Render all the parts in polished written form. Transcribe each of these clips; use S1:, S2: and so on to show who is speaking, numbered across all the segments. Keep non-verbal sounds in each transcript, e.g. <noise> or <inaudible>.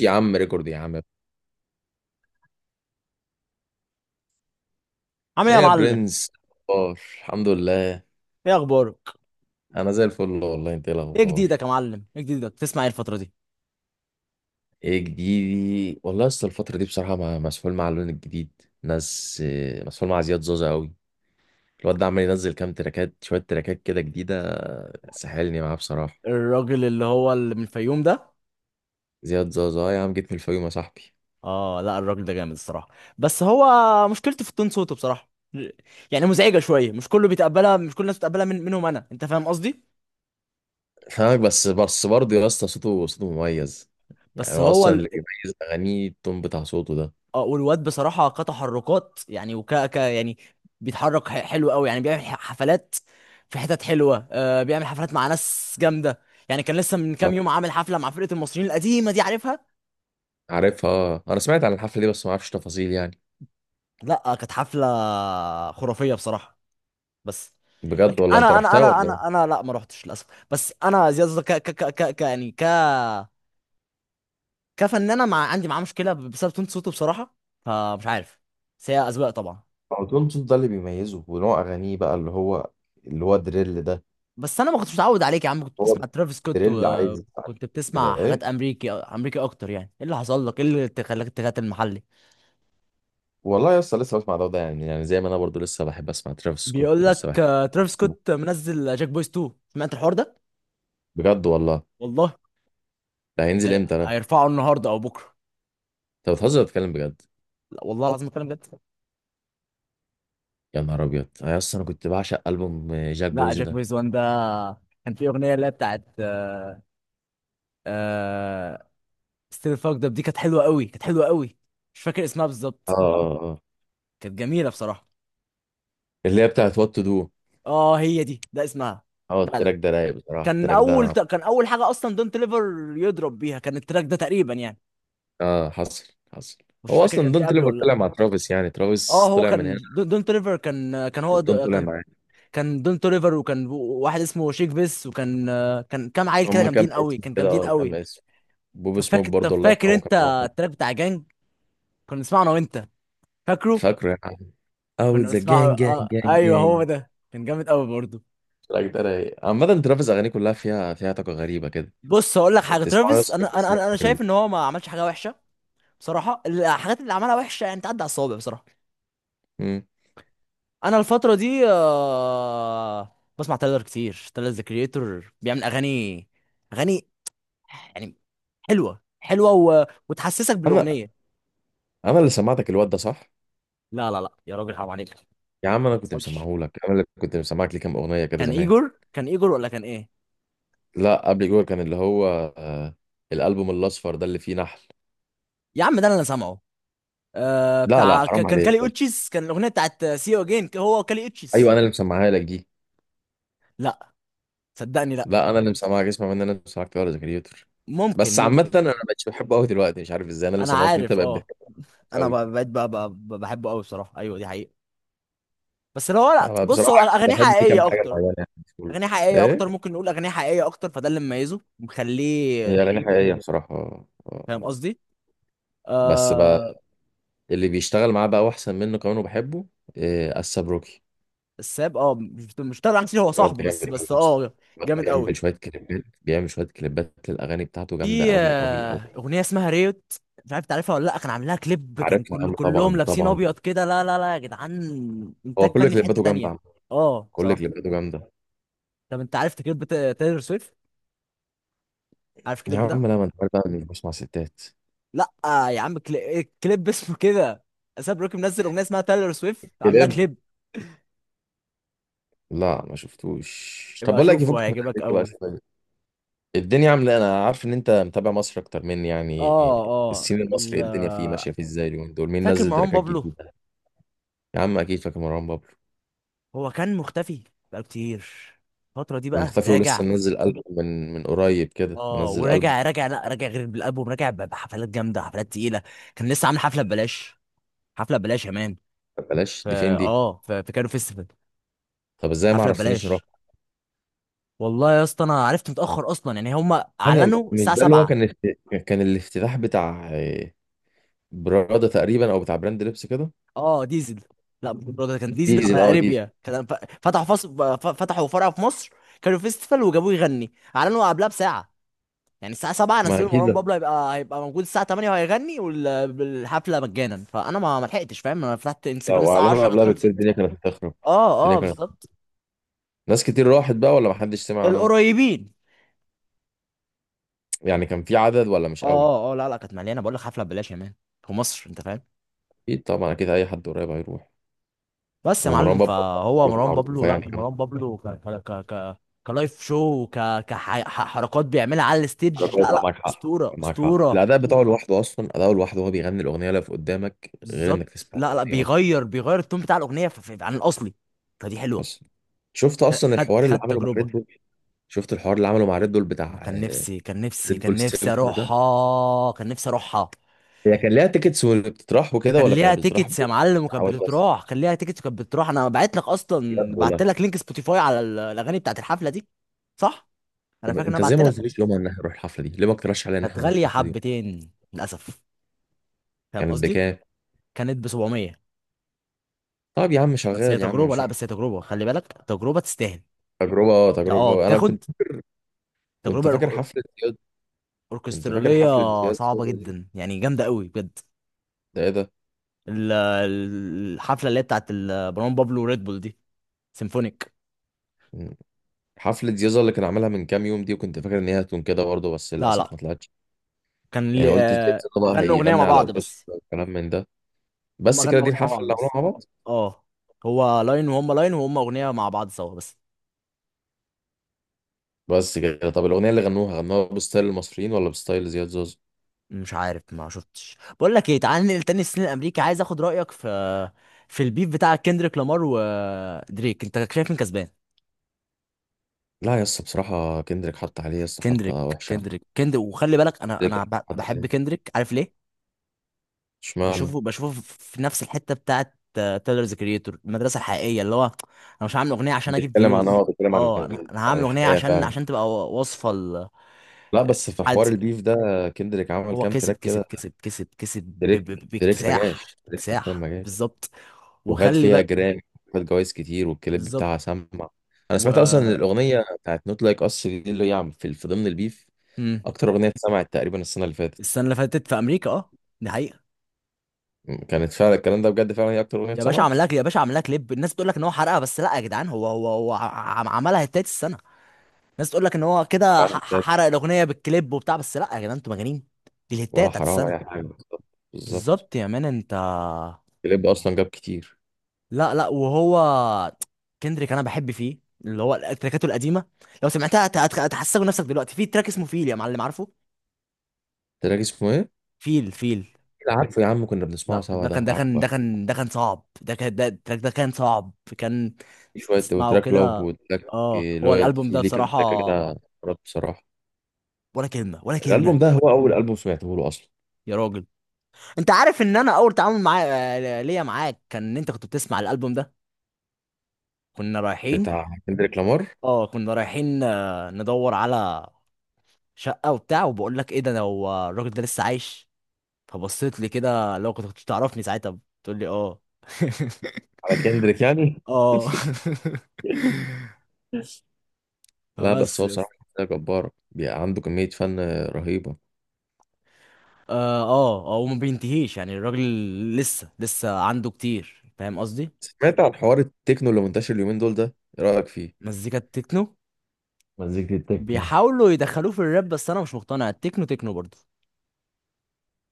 S1: يا عم ريكورد يا عم.
S2: عامل ايه
S1: ايه
S2: يا
S1: يا
S2: معلم؟
S1: برنس؟ اخبار؟ الحمد لله.
S2: ايه اخبارك؟
S1: انا زي الفل والله. انت ايه
S2: ايه
S1: الاخبار؟
S2: جديدك يا معلم، ايه جديدك؟ تسمع ايه الفتره دي؟
S1: ايه جديدي؟ والله اصل الفتره دي بصراحه مسحول مع اللون الجديد. ناس، مسحول مع زياد زوزة قوي. الواد ده عمال ينزل كام تراكات، شويه تراكات كده جديده، سحلني معاه بصراحه.
S2: الراجل اللي من الفيوم ده؟
S1: زياد زوزة، آه يا عم، جيت من الفيوم يا صاحبي.
S2: اه لا، الراجل ده جامد الصراحه. بس هو، مشكلته في التون صوته بصراحه، يعني مزعجه شويه. مش كله بيتقبلها، مش كل الناس بتقبلها، من منهم انا. انت فاهم قصدي؟
S1: فاهمك. بس برضه يا اسطى، صوته مميز. يعني
S2: بس
S1: هو
S2: هو
S1: اصلا
S2: ال...
S1: اللي بيميز اغانيه التون بتاع صوته ده.
S2: والواد بصراحه كتحركات يعني وك ك يعني بيتحرك حلو قوي، يعني بيعمل حفلات في حتت حلوه. بيعمل حفلات مع ناس جامده. يعني كان لسه من كام يوم عامل حفله مع فرقه المصريين القديمه دي، عارفها؟
S1: عارفها. آه. انا سمعت عن الحفله دي بس ما اعرفش تفاصيل يعني.
S2: لا، كانت حفله خرافيه بصراحه بس.
S1: بجد
S2: لكن
S1: والله؟ انت
S2: انا
S1: رحتها ولا ايه؟
S2: لا ما رحتش للاسف. بس انا زياد ك ك ك ك ك- يعني ك كفنانه، مع عندي معاه مشكله بسبب تون صوته بصراحه، فمش عارف. بس هي اذواق طبعا.
S1: هو دول صوت ده اللي بيميزه ونوع اغانيه بقى اللي هو دريل ده.
S2: بس انا ما كنتش متعود عليك يا عم، كنت
S1: هو
S2: بتسمع ترافيس سكوت،
S1: دريل عايز يسمع
S2: وكنت بتسمع
S1: كده ايه.
S2: حاجات امريكي امريكي اكتر. يعني ايه اللي حصل لك؟ ايه اللي خلاك تغات المحلي؟
S1: والله يا اسطى لسه بسمع ده وده، يعني زي ما انا برضو لسه بحب اسمع ترافيس سكوت
S2: بيقول
S1: لسه
S2: لك
S1: بحب.
S2: ترافيس
S1: أسمع؟
S2: سكوت منزل جاك بويز 2، سمعت الحوار ده؟
S1: بجد والله.
S2: والله.
S1: ده هينزل
S2: هي-
S1: امتى ده؟
S2: هيرفعه النهارده او بكره.
S1: انت بتهزر ولا بتتكلم بجد؟
S2: لا والله العظيم الكلام ده.
S1: يا نهار ابيض! انا اصلا، انا كنت بعشق البوم جاك
S2: لا،
S1: بويز
S2: جاك
S1: ده.
S2: بيز وان ده كان في اغنيه اللي هي بتاعت آه ستيل فاكد اب، دي كانت حلوه قوي، كانت حلوه قوي. مش فاكر اسمها
S1: اه
S2: بالظبط.
S1: اه اه.
S2: كانت جميله بصراحه.
S1: اللي هي بتاعت وات تو دو.
S2: اه، هي دي، ده اسمها.
S1: اه، التراك
S2: فعلا.
S1: ده رايق بصراحه
S2: كان
S1: التراك
S2: اول
S1: ده.
S2: كان اول حاجه اصلا، دونت ليفر يضرب بيها كان التراك ده تقريبا يعني.
S1: اه، حصل حصل.
S2: مش
S1: هو
S2: فاكر
S1: اصلا
S2: كان في
S1: دون
S2: قبله
S1: تليفر
S2: ولا
S1: طلع
S2: لا.
S1: مع ترافيس، يعني
S2: اه،
S1: ترافيس
S2: هو
S1: طلع من
S2: كان
S1: هنا.
S2: دونت ليفر، كان كان هو
S1: دون
S2: د-
S1: طلع
S2: كان
S1: معاه.
S2: كان دونت ليفر، وكان واحد اسمه شيك بيس، وكان كان كام عيل كده
S1: هما
S2: جامدين
S1: كام
S2: قوي،
S1: اسم
S2: كان
S1: كده،
S2: جامدين
S1: كام
S2: قوي.
S1: اسم. بوب
S2: طب
S1: سموك
S2: فاكر طب
S1: برضه الله
S2: فاكر
S1: يرحمه كان
S2: انت
S1: معاهم.
S2: التراك بتاع جانج؟ كنا نسمعه انا وانت، فاكره؟
S1: فاكره يا عم. او
S2: كنا
S1: ذا
S2: بنسمعه.
S1: جانج جانج
S2: اه
S1: جانج
S2: ايوه هو
S1: جانج.
S2: ده، كان جامد قوي برضه.
S1: لا ده رايق. عامة ترافيس أغانيه كلها فيها طاقة غريبة كده.
S2: بص هقول لك
S1: أنت
S2: حاجه،
S1: بتسمعه
S2: ترافيس
S1: بس
S2: انا
S1: بتحس نفسك
S2: شايف ان هو ما عملش حاجه وحشه بصراحه. الحاجات اللي عملها وحشه يعني تعدي على الصوابع بصراحه.
S1: مم.
S2: انا الفتره دي بسمع تايلر كتير، تايلر ذا كريتور بيعمل اغاني، اغاني يعني حلوه حلوه و... وتحسسك
S1: أنا
S2: بالاغنيه.
S1: أنا اللي سمعتك الواد ده صح؟
S2: لا لا لا يا راجل، حرام عليك.
S1: يا عم
S2: ما
S1: أنا كنت
S2: حصلش.
S1: مسمعه لك، أنا اللي كنت مسمعك ليه كام أغنية كده
S2: كان
S1: زمان.
S2: ايجور، كان ايجور، ولا كان ايه؟
S1: لا قبل جوه كان اللي هو، آه، الألبوم الأصفر ده اللي فيه نحل.
S2: يا عم ده انا اللي سامعه.
S1: لا لا،
S2: بتاع
S1: حرام
S2: كان
S1: عليك.
S2: كالي اوتشيس، كان الاغنيه بتاعت سي يو اجين، هو وكالي
S1: أيوه،
S2: اوتشيس.
S1: أنا اللي مسمعها لك دي.
S2: لا صدقني، لا.
S1: لا، انا اللي مسامعك. اسمع مني. انا اللي مسامعك ولا كريتور.
S2: ممكن،
S1: بس عامة
S2: ممكن.
S1: انا ما بقتش بحبه قوي دلوقتي، مش عارف ازاي انا اللي
S2: انا
S1: مسامعك انت
S2: عارف،
S1: بقيت
S2: اه
S1: بحبه
S2: انا
S1: قوي.
S2: بقيت بقى بحبه قوي بصراحه. ايوه دي حقيقه. بس لو هو، لا
S1: انا
S2: بص، هو
S1: بصراحة
S2: اغانيه
S1: بحب دي كام
S2: حقيقيه
S1: حاجة
S2: اكتر،
S1: معينة يعني في كله.
S2: اغانيه حقيقيه
S1: ايه،
S2: اكتر، ممكن نقول اغانيه حقيقيه اكتر، فده اللي مميزه
S1: هي
S2: مخليه.
S1: اغاني حقيقية بصراحة،
S2: فاهم
S1: آه.
S2: قصدي؟
S1: بس بقى.
S2: آه
S1: اللي بيشتغل معاه بقى، واحسن منه كمان وبحبه. إيه السبروكي؟
S2: الساب، مش تابع كتير، هو
S1: الواد
S2: صاحبه
S1: ده
S2: بس.
S1: جامد قوي
S2: بس
S1: يا اسطى. الواد ده
S2: جامد قوي.
S1: بيعمل شوية كليبات، بيعمل شوية كليبات للاغاني بتاعته جامدة
S2: في
S1: قوي قوي قوي.
S2: اغنيه اسمها ريوت، مش عارف تعرفها ولا لا، كان عامل لها كليب، كان
S1: عارفها يا
S2: كل
S1: عم،
S2: كلهم
S1: طبعا
S2: لابسين
S1: طبعا.
S2: ابيض كده. لا لا لا يا جدعان،
S1: هو
S2: انتاج
S1: كل
S2: فني في حته
S1: كليباته جامدة
S2: تانية.
S1: عم.
S2: اه
S1: كل
S2: بصراحه.
S1: كليباته جامدة.
S2: طب انت عارف كليب تايلور سويفت؟ عارف
S1: يا
S2: الكليب ده؟
S1: عم لا، ما انت عارف بقى اني مش بسمع ستات.
S2: لا يا عم، كليب <laughs> اسمه كده، اساب روكي منزل اغنيه اسمها تايلور سويفت، عاملها
S1: بجد؟
S2: كليب.
S1: لا ما شفتوش. طب
S2: يبقى
S1: بقول لك
S2: شوفه
S1: يفكك من
S2: هيعجبك
S1: الامريكي بقى
S2: قوي.
S1: شويه. الدنيا عامله إيه؟ انا عارف ان انت متابع مصر اكتر مني
S2: اه
S1: يعني.
S2: اه
S1: السين المصري إيه؟ الدنيا فيه ماشيه فيه ازاي اليومين دول؟ مين
S2: فاكر
S1: نزل
S2: مروان
S1: تراكات
S2: بابلو؟
S1: جديده؟ يا عم اكيد فاكر مروان بابلو.
S2: هو كان مختفي بقى كتير الفتره دي،
S1: كان
S2: بقى
S1: مختفي، ولسه
S2: راجع.
S1: منزل ألبوم من قريب كده،
S2: اه،
S1: منزل ألبوم.
S2: وراجع راجع، لا راجع غير بالالبوم، راجع بحفلات جامده، حفلات تقيله. كان لسه عامل حفله ببلاش. حفله ببلاش يا مان.
S1: بلاش دي فين دي؟
S2: في كانو فيستيفال.
S1: طب ازاي ما
S2: حفله
S1: عرفتنيش نروح؟
S2: ببلاش. والله يا اسطى، انا عرفت متاخر اصلا، يعني هم
S1: انا،
S2: اعلنوا
S1: مش
S2: الساعه
S1: ده اللي هو
S2: 7.
S1: كان كان الافتتاح بتاع، براده تقريبا او بتاع براند لبس كده؟
S2: اه ديزل. لا ده كان ديزل
S1: ديزل،
S2: على
S1: اه ديزل.
S2: اريبيا. كان فتحوا فرع في مصر. كانوا فيستيفال وجابوه يغني، اعلنوا قبلها بساعه. يعني الساعه 7
S1: ما
S2: نزلوا مروان
S1: اكيد،
S2: بابلو هيبقى موجود الساعه 8 وهيغني، والحفله مجانا. فانا ما لحقتش فاهم. انا فتحت انستجرام
S1: لو
S2: الساعه
S1: اعلنوا
S2: 10 كانت
S1: قبلها بكتير
S2: خلصت.
S1: الدنيا كانت هتخرب.
S2: اه
S1: الدنيا
S2: اه
S1: كانت،
S2: بالظبط.
S1: ناس كتير راحت بقى ولا محدش سمع عنها؟
S2: القريبين.
S1: يعني كان في عدد ولا مش قوي؟
S2: اه اه، لا لا، كانت مليانه، بقول لك حفله ببلاش يا مان في مصر، انت فاهم.
S1: اكيد طبعا، اكيد اي حد قريب هيروح.
S2: بس يا معلم،
S1: ومروان بابا
S2: فهو
S1: بطولات
S2: مروان بابلو،
S1: معروفه
S2: لا
S1: يعني <laughs>
S2: مروان بابلو ك ك ك ك كلايف شو، كحركات بيعملها على الستيج. لا
S1: طبعاً
S2: لا
S1: معاك حق
S2: اسطوره،
S1: معاك حق.
S2: اسطوره.
S1: الاداء بتاعه لوحده، اصلا اداؤه لوحده وهو بيغني الاغنيه اللي في قدامك غير انك
S2: بالظبط.
S1: تسمع
S2: لا لا،
S1: الاغنيه اصلا.
S2: بيغير التون بتاع الاغنيه عن الاصلي، فدي حلوه.
S1: اصلا، شفت اصلا
S2: خد
S1: الحوار اللي
S2: خد
S1: عمله مع
S2: تجربه.
S1: ريد بول؟ شفت الحوار اللي عمله مع ريد بول
S2: انا
S1: بتاع.
S2: كان نفسي،
S1: ريد بول سيمفون ده.
S2: اروحها، كان نفسي اروحها.
S1: هي كان ليها تيكتس واللي بتطرح وكده
S2: كان
S1: ولا
S2: ليها
S1: كانت بتطرح؟
S2: تيكتس يا معلم، وكانت
S1: بعواد <laughs> بس.
S2: بتتراح، كان ليها تيكتس وكانت بتتراح. انا بعت لك
S1: بجد
S2: اصلا، بعت
S1: والله.
S2: لك لينك سبوتيفاي على الاغاني بتاعت الحفله دي. صح، انا
S1: طب
S2: فاكر ان انا
S1: انت زي
S2: بعت
S1: ما
S2: لك.
S1: قلتليش يوم ان احنا نروح الحفله دي، ليه ما اقترحش عليا ان
S2: كانت
S1: احنا نروح
S2: غاليه
S1: الحفله دي؟
S2: حبتين للاسف، فاهم
S1: كانت
S2: قصدي؟
S1: بكام؟
S2: كانت ب 700.
S1: طب يا عم
S2: بس
S1: شغال
S2: هي
S1: يا عم،
S2: تجربه،
S1: مش
S2: لا
S1: وحش.
S2: بس هي تجربه، خلي بالك تجربه تستاهل.
S1: تجربه،
S2: اه
S1: تجربه. انا كنت.
S2: بتاخد
S1: كنت
S2: تجربه
S1: فاكر حفله زياد. كنت فاكر
S2: اوركستراليه،
S1: حفله زياد
S2: صعبه
S1: زوزة دي.
S2: جدا يعني، جامده قوي بجد.
S1: ده ايه ده؟
S2: الحفله اللي هي بتاعت مروان بابلو وريد بول دي، سيمفونيك.
S1: م. حفله زياد زوزة اللي كان عملها من كام يوم دي، وكنت فاكر ان هي هتكون كده برضه بس
S2: لا
S1: للاسف
S2: لا،
S1: ما طلعتش.
S2: كان
S1: يعني قلت زياد زوزة بقى
S2: غنوا اغنيه
S1: هيغني
S2: مع
S1: على
S2: بعض
S1: اوركسترا
S2: بس.
S1: والكلام من ده.
S2: هم
S1: بس كده
S2: غنوا
S1: دي
S2: اغنيه مع
S1: الحفله
S2: بعض
S1: اللي عملوها
S2: بس.
S1: مع بعض.
S2: اه، هو لاين وهم لاين، وهم اغنيه مع بعض سوا بس.
S1: بس كده. طب الاغنيه اللي غنوها، غنوها بستايل المصريين ولا بستايل زياد زوزة؟
S2: مش عارف، ما شفتش. بقول لك ايه، تعال ننقل تاني السن الامريكي، عايز اخد رايك في، في البيف بتاع كندريك لامار ودريك، انت شايف مين كسبان؟
S1: لا يا اسطى بصراحه كندريك حط عليه يا اسطى، حطه
S2: كندريك،
S1: وحشه.
S2: وخلي بالك انا
S1: كندريك حط
S2: بحب
S1: عليه.
S2: كندريك، عارف ليه؟
S1: اشمعنى؟
S2: بشوفه، في نفس الحته بتاعه تايلرز كريتور، المدرسه الحقيقيه، اللي هو: انا مش هعمل اغنيه عشان اجيب
S1: بيتكلم عن،
S2: فيوز.
S1: بيتكلم عن
S2: اه، انا
S1: عن
S2: هعمل اغنيه
S1: الحياة
S2: عشان
S1: فعلا.
S2: تبقى وصفه
S1: لا بس في حوار
S2: حالتي.
S1: البيف ده، كندريك عمل
S2: هو
S1: كام
S2: كسب،
S1: تراك كده. دريك دريك ما
S2: باكتساح،
S1: جاش. دريك حرفيا ما
S2: اكتساح،
S1: جاش.
S2: بالظبط.
S1: وخد
S2: وخلي
S1: فيها
S2: بقى.
S1: جرامي. خد جوايز كتير والكليب
S2: بالظبط.
S1: بتاعها سمع. انا
S2: و
S1: سمعت اصلا إن الاغنيه بتاعت نوت لايك اس دي اللي هي في ضمن البيف.
S2: مم.
S1: اكتر اغنيه اتسمعت تقريبا السنه اللي فاتت.
S2: السنه اللي فاتت في امريكا، اه، دي حقيقه.
S1: كانت فعلا الكلام ده بجد، فعلا هي اكتر اغنيه
S2: يا باشا
S1: اتسمعت.
S2: عمل لك، كليب. الناس بتقول لك ان هو حرقها، بس لا يا جدعان، هو عملها التالت السنه. الناس تقول لك ان هو كده
S1: حرارة ده.
S2: حرق الاغنيه بالكليب وبتاع، بس لا يا جدعان انتوا مجانين. دي الهتايه
S1: ولا
S2: بتاعت
S1: حراره
S2: السنه.
S1: ولا اي حاجه بالظبط. بالظبط.
S2: بالظبط يا مان، انت.
S1: الكليب اصلا جاب كتير.
S2: لا لا، وهو كندريك، انا بحب فيه اللي هو التراكاته القديمه. لو سمعتها هتحسسك نفسك دلوقتي. في تراك اسمه فيل يا معلم، عارفه؟
S1: تراك اسمه ايه؟
S2: فيل، فيل.
S1: لا، عارفه يا عم، كنا بنسمعه
S2: لا
S1: سوا
S2: ده
S1: ده
S2: كان،
S1: عارفه.
S2: صعب، ده كان ده التراك ده كان صعب، كان
S1: في شوية،
S2: تسمعه
S1: وتراك لاف
S2: كده.
S1: وتراك
S2: اه، هو
S1: لويال،
S2: الالبوم
S1: في
S2: ده
S1: ليه كام تراك
S2: بصراحه،
S1: كده. مرات بصراحة.
S2: ولا كلمه، ولا كلمه.
S1: الألبوم ده هو أول ألبوم سمعته له أصلا.
S2: يا راجل، انت عارف ان انا اول تعامل معايا، ليا معاك، كان ان انت كنت بتسمع الالبوم ده. كنا رايحين،
S1: بتاع كندريك لامار.
S2: اه كنا رايحين ندور على شقه وبتاع، وبقول لك ايه ده، انا هو الراجل ده لسه عايش؟ فبصيت لي كده. لو كنت تعرفني ساعتها، بتقول لي اه.
S1: على كندريك
S2: <laughs>
S1: يعني.
S2: اه. <laughs>
S1: <laughs> لا بس
S2: فبس
S1: هو
S2: يا
S1: بصراحة
S2: اسطى.
S1: شخصية جبارة، بيبقى عنده كمية فن رهيبة.
S2: اه اه وما بينتهيش يعني الراجل، لسه عنده كتير، فاهم قصدي؟
S1: سمعت عن حوار التكنو اللي منتشر اليومين دول ده؟ إيه رأيك فيه؟
S2: مزيكا التكنو
S1: مزيكة التكنو.
S2: بيحاولوا يدخلوه في الراب، بس انا مش مقتنع، التكنو تكنو برضه.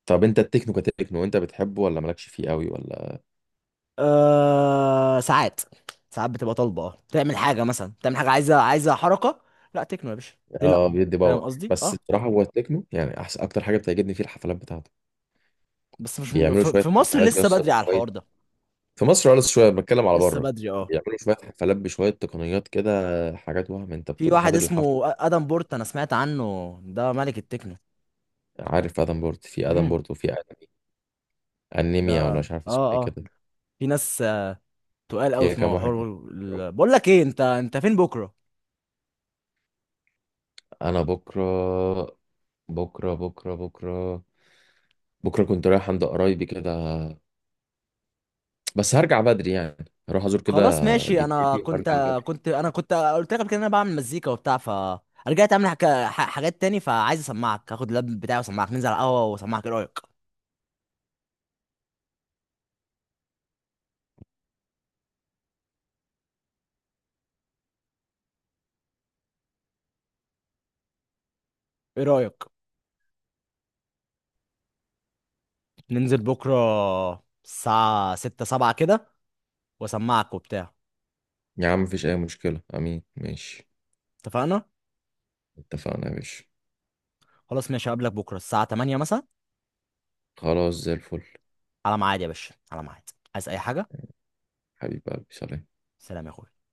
S1: طب أنت التكنو كتكنو أنت بتحبه ولا مالكش فيه قوي ولا؟
S2: آه ساعات، ساعات بتبقى طالبه، اه تعمل حاجه مثلا، تعمل حاجه عايزه، حركه. لا تكنو يا باشا، ليه لا؟
S1: آه بيدي
S2: فاهم
S1: باور.
S2: قصدي،
S1: بس
S2: اه.
S1: بصراحة هو التكنو، يعني أحسن أكتر حاجة بتعجبني فيه الحفلات بتاعته.
S2: بس مش
S1: بيعملوا شوية
S2: في مصر
S1: حفلات يا
S2: لسه
S1: اسطى.
S2: بدري على الحوار ده.
S1: في مصر قلص شويه، بتكلم على
S2: لسه
S1: بره.
S2: بدري، اه.
S1: بيعملوا شويه حفلات بشويه تقنيات كده. حاجات وهم انت
S2: في
S1: بتبقى
S2: واحد
S1: حاضر الحفله.
S2: اسمه ادم بورت، انا سمعت عنه ده ملك التكنو.
S1: عارف ادم بورت؟ في ادم
S2: امم.
S1: بورت وفي انمي.
S2: ده.
S1: انيميا ولا
S2: اه
S1: مش عارف اسمه ايه
S2: اه.
S1: كده.
S2: في ناس تقال قوي
S1: فيها
S2: في
S1: كام واحد
S2: موضوع
S1: كده.
S2: بقول لك ايه، انت فين بكره؟
S1: انا بكره. بكره بكره بكره. بكره كنت رايح عند قرايبي كده. بس هرجع بدري يعني. هروح ازور كده.
S2: خلاص ماشي. انا
S1: جدتي وارجع بدري.
S2: كنت قلت لك قبل كده إن انا بعمل مزيكا وبتاع، ف، رجعت اعمل حاجات تاني، فعايز اسمعك. هاخد اللاب بتاعي واسمعك، ننزل على القهوه واسمعك ايه رايك. ايه رايك ننزل بكره الساعه 6 7 كده، واسمعك وبتاع؟
S1: يا عم مفيش اي مشكله، امين ماشي.
S2: اتفقنا.
S1: اتفقنا يا باشا.
S2: خلاص ماشي، هقابلك بكره الساعه 8 مثلا.
S1: خلاص زي الفل.
S2: على ميعاد يا باشا، على ميعاد، عايز اي حاجه.
S1: حبيب قلبي، سلام.
S2: سلام يا اخويا.